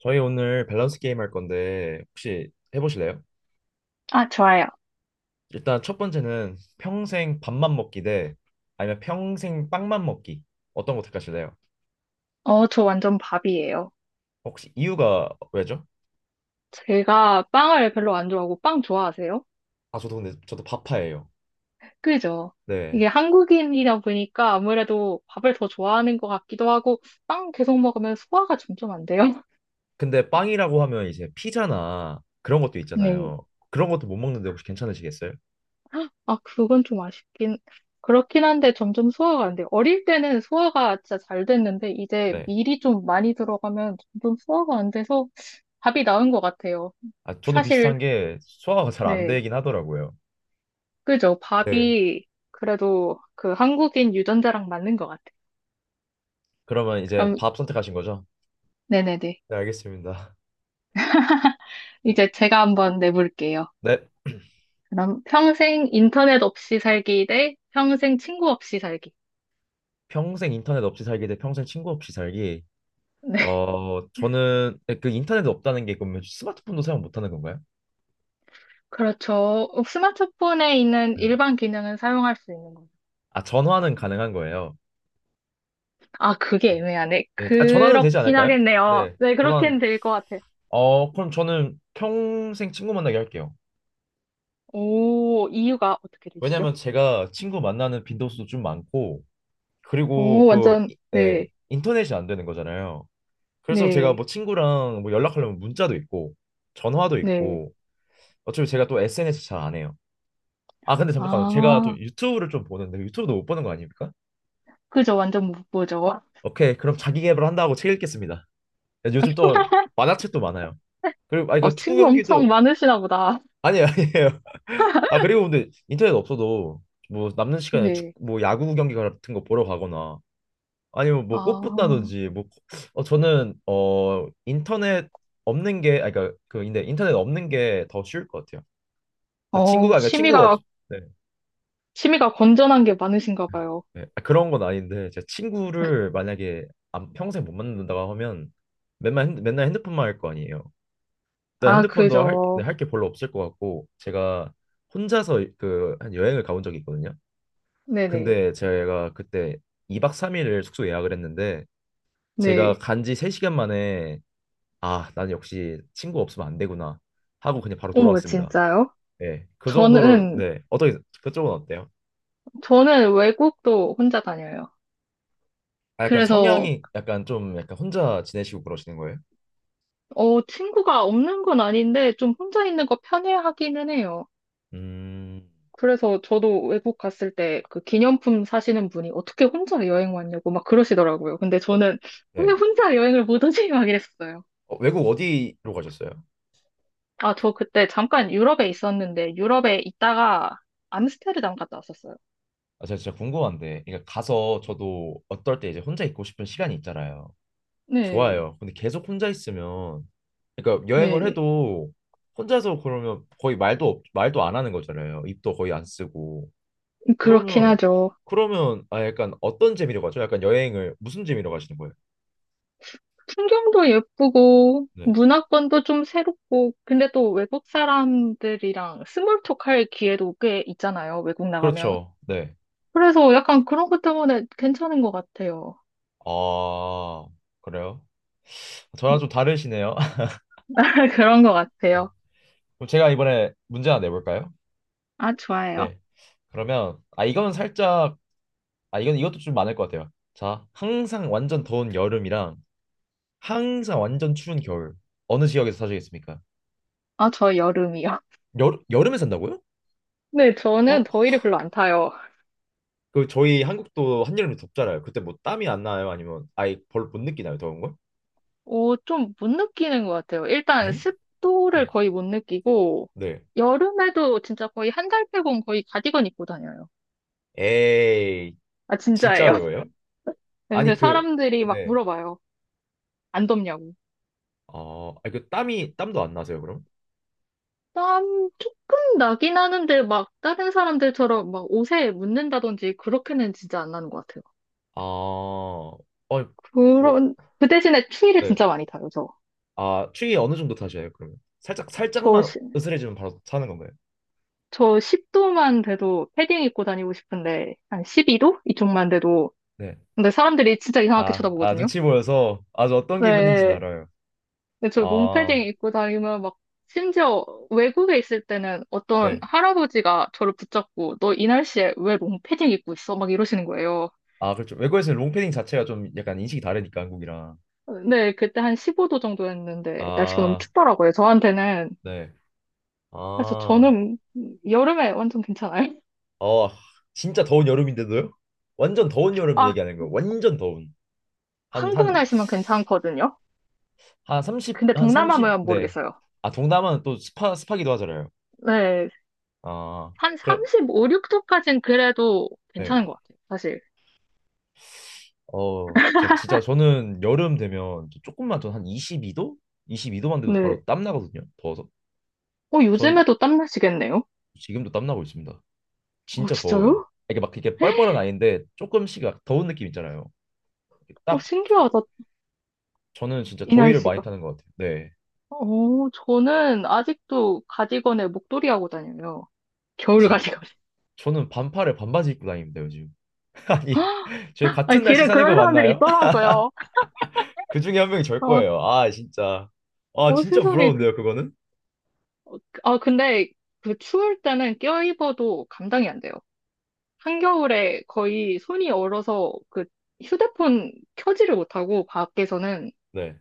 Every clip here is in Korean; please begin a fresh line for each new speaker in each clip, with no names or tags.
저희 오늘 밸런스 게임 할 건데 혹시 해보실래요?
아, 좋아요.
일단 첫 번째는 평생 밥만 먹기 대 아니면 평생 빵만 먹기, 어떤 거 택하실래요?
어, 저 완전 밥이에요.
혹시 이유가 왜죠?
제가 빵을 별로 안 좋아하고 빵 좋아하세요?
아, 저도 밥파예요.
그죠?
네.
이게 한국인이다 보니까 아무래도 밥을 더 좋아하는 것 같기도 하고 빵 계속 먹으면 소화가 점점 안 돼요.
근데 빵이라고 하면 이제 피자나 그런 것도
네.
있잖아요. 그런 것도 못 먹는데 혹시 괜찮으시겠어요?
아, 그건 좀 아쉽긴 그렇긴 한데 점점 소화가 안 돼요. 어릴 때는 소화가 진짜 잘 됐는데 이제
네.
밀이 좀 많이 들어가면 점점 소화가 안 돼서 밥이 나은 것 같아요.
아, 저도
사실
비슷한 게 소화가 잘 안
네.
되긴 하더라고요.
그죠?
네.
밥이 그래도 그 한국인 유전자랑 맞는 것 같아요.
그러면 이제
그럼,
밥 선택하신 거죠?
네네네.
네, 알겠습니다.
이제 제가 한번 내볼게요.
네.
그럼 평생 인터넷 없이 살기 대 평생 친구 없이 살기.
평생 인터넷 없이 살기 대 평생 친구 없이 살기.
네,
저는 그 인터넷 없다는 게, 그러면 스마트폰도 사용 못하는 건가요?
그렇죠. 스마트폰에 있는
네.
일반 기능은 사용할 수 있는 거죠.
아, 전화는 가능한 거예요?
아, 그게 애매하네.
네, 아, 전화는 되지
그렇긴
않을까요?
하겠네요.
네,
네,
전화는,
그렇게는 될 것 같아요.
그럼 저는 평생 친구 만나게 할게요.
오, 이유가 어떻게 되시죠?
왜냐면 제가 친구 만나는 빈도수도 좀 많고, 그리고
오, 완전,
네,
네,
인터넷이 안 되는 거잖아요. 그래서 제가
네,
뭐 친구랑 뭐 연락하려면 문자도 있고 전화도
네.
있고, 어차피 제가 또 SNS 잘 안 해요. 아, 근데 잠깐만, 제가 또
아,
유튜브를 좀 보는데 유튜브도 못 보는 거 아닙니까?
그죠. 완전 못 보죠.
오케이, 그럼 자기 계발 한다고 책 읽겠습니다. 요즘 또 만화책도 많아요. 그리고 아
어,
이거 축구
친구 엄청
경기도.
많으시나 보다.
아니, 아니에요. 아, 그리고 근데 인터넷 없어도 뭐 남는 시간에 축
네.
뭐 야구 경기 같은 거 보러 가거나 아니면 뭐
아,
꽃보다든지 뭐. 저는 인터넷 없는 게 아니 그러니까 그 근데 인터넷 없는 게 더 쉬울 것 같아요.
어,
친구가 그러니까 친구 없 네,
취미가 건전한 게 많으신가 봐요.
네. 아, 그런 건 아닌데 제가 친구를 만약에 평생 못 만난다고 하면 맨날 핸드폰만 할 거 아니에요. 일단
아,
핸드폰도 할, 네,
그죠.
할게 별로 없을 것 같고, 제가 혼자서 그 한 여행을 가본 적이 있거든요.
네네.
근데 제가 그때 2박 3일을 숙소 예약을 했는데, 제가
네.
간지 3시간 만에 "아, 난 역시 친구 없으면 안 되구나" 하고 그냥 바로
어머,
돌아왔습니다.
진짜요?
예. 그 정도로.
저는,
네. 어떻게, 그쪽은 어때요?
저는 외국도 혼자 다녀요.
아, 약간
그래서,
성향이 약간 좀 약간 혼자 지내시고 그러시는 거예요?
어, 친구가 없는 건 아닌데, 좀 혼자 있는 거 편해하기는 해요.
음.
그래서 저도 외국 갔을 때 그 기념품 사시는 분이 어떻게 혼자 여행 왔냐고 막 그러시더라고요. 근데 저는 왜
네.
혼자 여행을 못 오지? 막 이랬어요.
어, 외국 어디로 가셨어요?
아, 저 그때 잠깐 유럽에 있었는데, 유럽에 있다가 암스테르담 갔다 왔었어요.
아, 제가 진짜 궁금한데, 그러니까 가서 저도 어떨 때 이제 혼자 있고 싶은 시간이 있잖아요.
네,
좋아요. 근데 계속 혼자 있으면, 그러니까 여행을
네.
해도 혼자서, 그러면 거의 말도 안 하는 거잖아요. 입도 거의 안 쓰고.
그렇긴
그러면,
하죠.
아 약간 어떤 재미로 가죠? 약간 여행을 무슨 재미로 가시는 거예요?
풍경도 예쁘고,
네,
문화권도 좀 새롭고, 근데 또 외국 사람들이랑 스몰톡 할 기회도 꽤 있잖아요, 외국 나가면.
그렇죠. 네.
그래서 약간 그런 것 때문에 괜찮은 것 같아요.
아, 그래요? 저랑 좀 다르시네요.
그런 것 같아요.
그럼 제가 이번에 문제 하나 내볼까요?
아, 좋아요.
네. 그러면 아 이건 살짝, 아, 이건 이것도 좀 많을 것 같아요. 자, 항상 완전 더운 여름이랑 항상 완전 추운 겨울, 어느 지역에서 사시겠습니까?
아, 저 여름이요.
여름에 산다고요?
네, 저는
어,
더위를 별로 안 타요.
그 저희 한국도 한여름에 덥잖아요. 그때 뭐 땀이 안 나요? 아니면 아예 별로 못 느끼나요? 더운 걸?
오, 좀 못 느끼는 것 같아요. 일단 습도를
네.
거의 못 느끼고,
네.
여름에도 진짜 거의 한 달 빼곤 거의 가디건 입고 다녀요.
에이,
아,
진짜
진짜예요.
어려워요?
그래서
아니
그
그,
사람들이 막
네.
물어봐요. 안 덥냐고.
어, 아니 그 땀이 땀도 안 나세요, 그럼?
땀 조금 나긴 하는데 막 다른 사람들처럼 막 옷에 묻는다든지 그렇게는 진짜 안 나는 것 같아요.
아, 어, 어,
그런, 그 대신에 추위를
네.
진짜 많이 타요, 저.
아, 추위 어느 정도 타셔요, 그러면? 살짝
저,
살짝만
시-
으스해지면 바로 사는 건가요?
저 10도만 돼도 패딩 입고 다니고 싶은데, 한 12도? 이쪽만 돼도.
네.
근데 사람들이 진짜 이상하게
아, 아,
쳐다보거든요.
눈치 보여서, 아주 어떤 기분인지는
네.
알아요.
근데 저
아,
롱패딩 입고 다니면 막, 심지어 외국에 있을 때는 어떤
네.
할아버지가 저를 붙잡고, 너 이 날씨에 왜 롱패딩 입고 있어? 막 이러시는 거예요.
아, 그렇죠. 외국에서는 롱패딩 자체가 좀 약간 인식이 다르니까, 한국이랑.
네, 그때 한 15도 정도였는데, 날씨가 너무
아,
춥더라고요, 저한테는.
네.
그래서
아,
저는 여름에 완전 괜찮아요.
어, 진짜 더운 여름인데도요? 완전 더운 여름
아,
얘기하는 거예요. 완전 더운. 한,
한국
한,
날씨만 괜찮거든요.
한 삼십,
근데 동남아면
네.
모르겠어요.
아, 동남아는 또 습하기도 하잖아요.
네,
아,
한
그럼,
35, 6도까지는 그래도
네.
괜찮은 것 같아요, 사실.
어, 진짜, 진짜 저는 여름 되면 조금만 더 한 22도? 22도만 돼도
네.
바로 땀 나거든요. 더워서.
어,
전
요즘에도 땀 나시겠네요?
지금도 땀나고 있습니다.
어,
진짜 더워요.
진짜요?
아, 이게 막 이게 뻘뻘한 아이인데 조금씩 막 더운 느낌 있잖아요.
오,
딱.
신기하다,
저는 진짜 더위를 많이
이날씨가.
타는 것 같아요. 네.
오, 저는 아직도 가디건에 목도리 하고 다녀요. 겨울
지,
가디건.
저는 반팔에 반바지 입고 다닙니다, 요즘. 아니, 저희
아니,
같은 날씨
길에
사는 거
그런 사람들이
맞나요?
있더라고요.
그 중에 한 명이 절
어,
거예요. 아, 진짜. 아, 진짜
세상에.
부러운데요, 그거는?
근데 그 추울 때는 껴입어도 감당이 안 돼요. 한겨울에 거의 손이 얼어서 그 휴대폰 켜지를 못하고 밖에서는
네.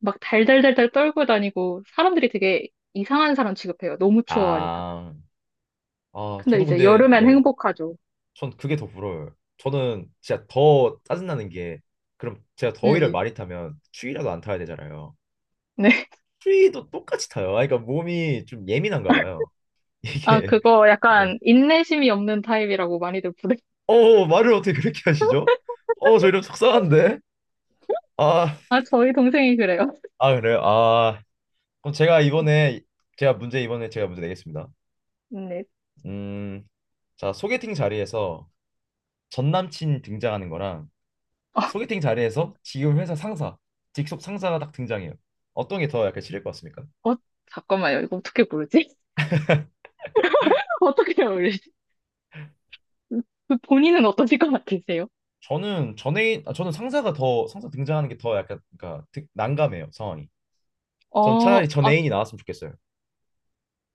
막 달달달달 떨고 다니고 사람들이 되게 이상한 사람 취급해요. 너무 추워하니까.
아, 아,
근데
저도
이제
근데,
여름엔
네.
행복하죠.
전 그게 더 부러워요. 저는 진짜 더 짜증나는 게, 그럼 제가 더위를
네.
많이 타면 추위라도 안 타야 되잖아요.
네.
추위도 똑같이 타요. 아, 그러니까 몸이 좀 예민한가 봐요.
아,
이게.
그거
네.
약간 인내심이 없는 타입이라고 많이들 부르.
어 어, 어, 말을 어떻게 그렇게 하시죠? 어 저 이러면 속상한데. 아,
아, 저희 동생이 그래요.
아 그래요. 아 그럼 제가 이번에, 제가 문제 내겠습니다.
네.
음, 자, 소개팅 자리에서 전 남친 등장하는 거랑 소개팅 자리에서 지금 회사 상사, 직속 상사가 딱 등장해요. 어떤 게 더 약간 싫을 것 같습니까?
어, 잠깐만요. 이거 어떻게 부르지? 어떻게 부르지? 그 본인은 어떠실 것 같으세요?
저는 상사 등장하는 게 더 약간, 그러니까 난감해요, 상황이. 전
어,
차라리 전
아,
애인이 나왔으면 좋겠어요.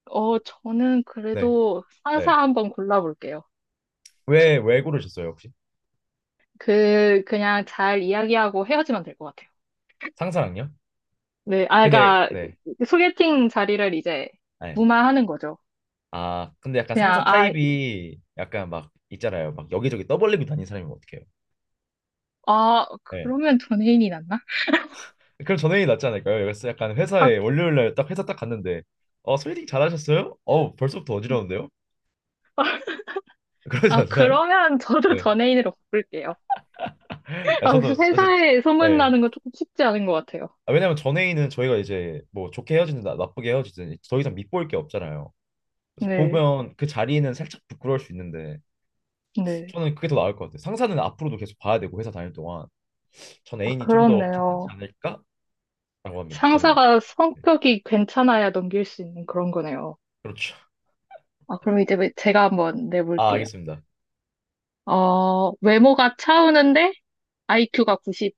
어, 저는
네,
그래도 상사
네.
한번 골라볼게요.
왜 고르셨어요, 혹시?
그, 그냥 잘 이야기하고 헤어지면 될 것 같아요.
상사랑요?
네, 아,
근데,
그러니까
네.
소개팅 자리를 이제
네.
무마하는 거죠.
아, 근데 약간
그냥,
상사
아,
타입이 약간 막 있잖아요. 막 여기저기 떠벌리고 다니는 사람이면 어떡해요?
아,
네.
그러면 전혜인이 낫나?
그럼 전형이 낫지 않을까요? 그래서 약간
아,
회사에 월요일 날 딱, 회사 딱 갔는데, 어, 소개팅 잘하셨어요? 어, 벌써부터 어지러운데요? 그러지 않나요?
그러면 저도
네.
전혜인으로 바꿀게요.
아,
아, 그래서
저,
회사에
네.
소문나는 건 조금 쉽지 않은 것 같아요.
아, 왜냐면 전회의는 저희가 이제 뭐 좋게 헤어지든 나쁘게 헤어지든 더 이상 밑보일 게 없잖아요. 그래서
네,
보면 그 자리는 살짝 부끄러울 수 있는데,
네.
저는 그게 더 나을 것 같아요. 상사는 앞으로도 계속 봐야 되고 회사 다닐 동안. 전
아,
애인이 좀 더 괜찮지
그렇네요.
않을까라고 합니다. 저는.
상사가
네.
성격이 괜찮아야 넘길 수 있는 그런 거네요.
그렇죠.
아, 그럼 이제 제가 한번
아,
내볼게요.
알겠습니다.
어, 외모가 차우는데 IQ가 90인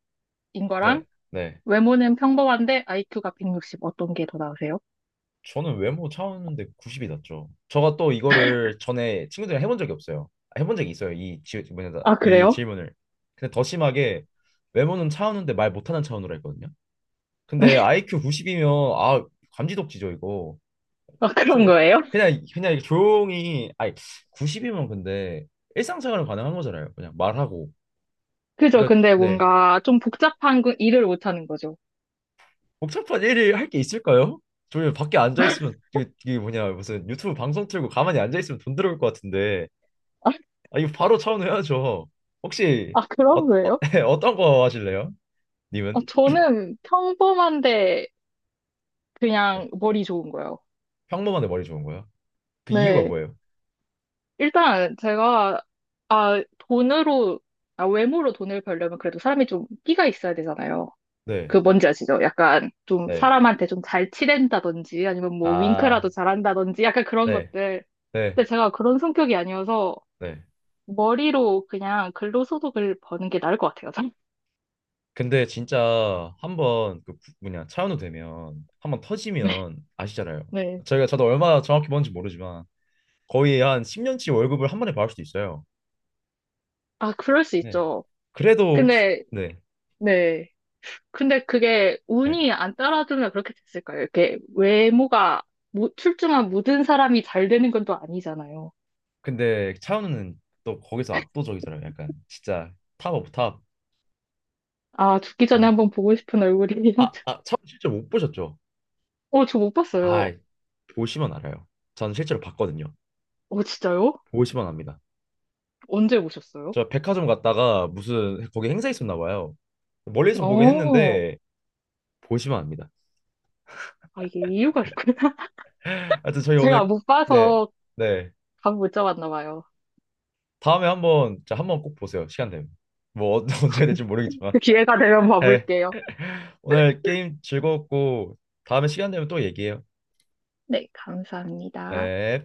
거랑
네, 네.
외모는 평범한데 IQ가 160 어떤 게 더 나으세요?
저는 외모 차원인데 90이 낫죠. 저가 또 이거를 전에 친구들이랑 해본 적이 없어요. 아, 해본 적이 있어요.
아,
이
그래요?
질문을. 근데 더 심하게, 외모는 차우는데 말 못하는 차원으로 했거든요. 근데 IQ 90이면 아 감지덕지죠 이거.
아, 그런
저,
거예요?
그냥 조용히, 아니 90이면 근데 일상생활은 가능한 거잖아요. 그냥 말하고.
그죠.
그러니까
근데
네.
뭔가 좀 복잡한 거 일을 못하는 거죠.
복잡한 일을 할 게 있을까요? 저희 밖에 앉아 있으면 이게, 이게 뭐냐 무슨 유튜브 방송 틀고 가만히 앉아 있으면 돈 들어올 것 같은데. 아 이거 바로 차원해야죠. 혹시
아,
어,
그런
어,
거예요?
어떤 거 하실래요?
아,
님은?
저는 평범한데
네.
그냥 머리 좋은 거예요.
평범한데 머리 좋은 거요? 그 이유가
네.
뭐예요?
일단 제가, 아, 돈으로, 아, 외모로 돈을 벌려면 그래도 사람이 좀 끼가 있어야 되잖아요.
네.
그 뭔지 아시죠? 약간 좀
네.
사람한테 좀 잘 치댄다든지 아니면 뭐
아,
윙크라도 잘한다든지 약간 그런
네.
것들.
네.
근데 제가 그런 성격이 아니어서
네.
머리로 그냥 근로소득을 버는 게 나을 것 같아요. 저는.
근데 진짜 한번 그 부- 뭐냐 차은우 되면 한 번
네.
터지면 아시잖아요.
네.
저희가 저도 얼마 정확히 뭔지 모르지만 거의 한 10년치 월급을 한 번에 받을 수도 있어요.
아, 그럴 수
네.
있죠.
그래도 혹시
근데,
네.
네. 근데 그게
네.
운이 안 따라주면 그렇게 됐을까요? 이렇게 외모가 출중한 모든 사람이 잘 되는 건 또 아니잖아요.
근데 차은우는 또 거기서 압도적이잖아요. 약간 진짜 탑 오브 탑.
아, 죽기 전에
어.
한번 보고 싶은 얼굴이긴
아,
하죠.
아, 차은우 실제로 못 보셨죠?
어, 저 못
아,
봤어요.
보시면 알아요. 저는 실제로 봤거든요.
어, 진짜요?
보시면 압니다.
언제 보셨어요?
저 백화점 갔다가 무슨 거기 행사 있었나 봐요. 멀리서 보긴
어,
했는데 보시면 압니다.
아, 이게 이유가 있구나.
하여튼 저희
제가
오늘,
못
네,
봐서
네.
감 못 잡았나 봐요.
다음에 한번 자, 한번 꼭 보세요. 시간 되면. 언제 될지 모르겠지만.
그 기회가 되면
네.
봐볼게요.
오늘 게임 즐거웠고 다음에 시간 되면 또 얘기해요.
네, 감사합니다.
네.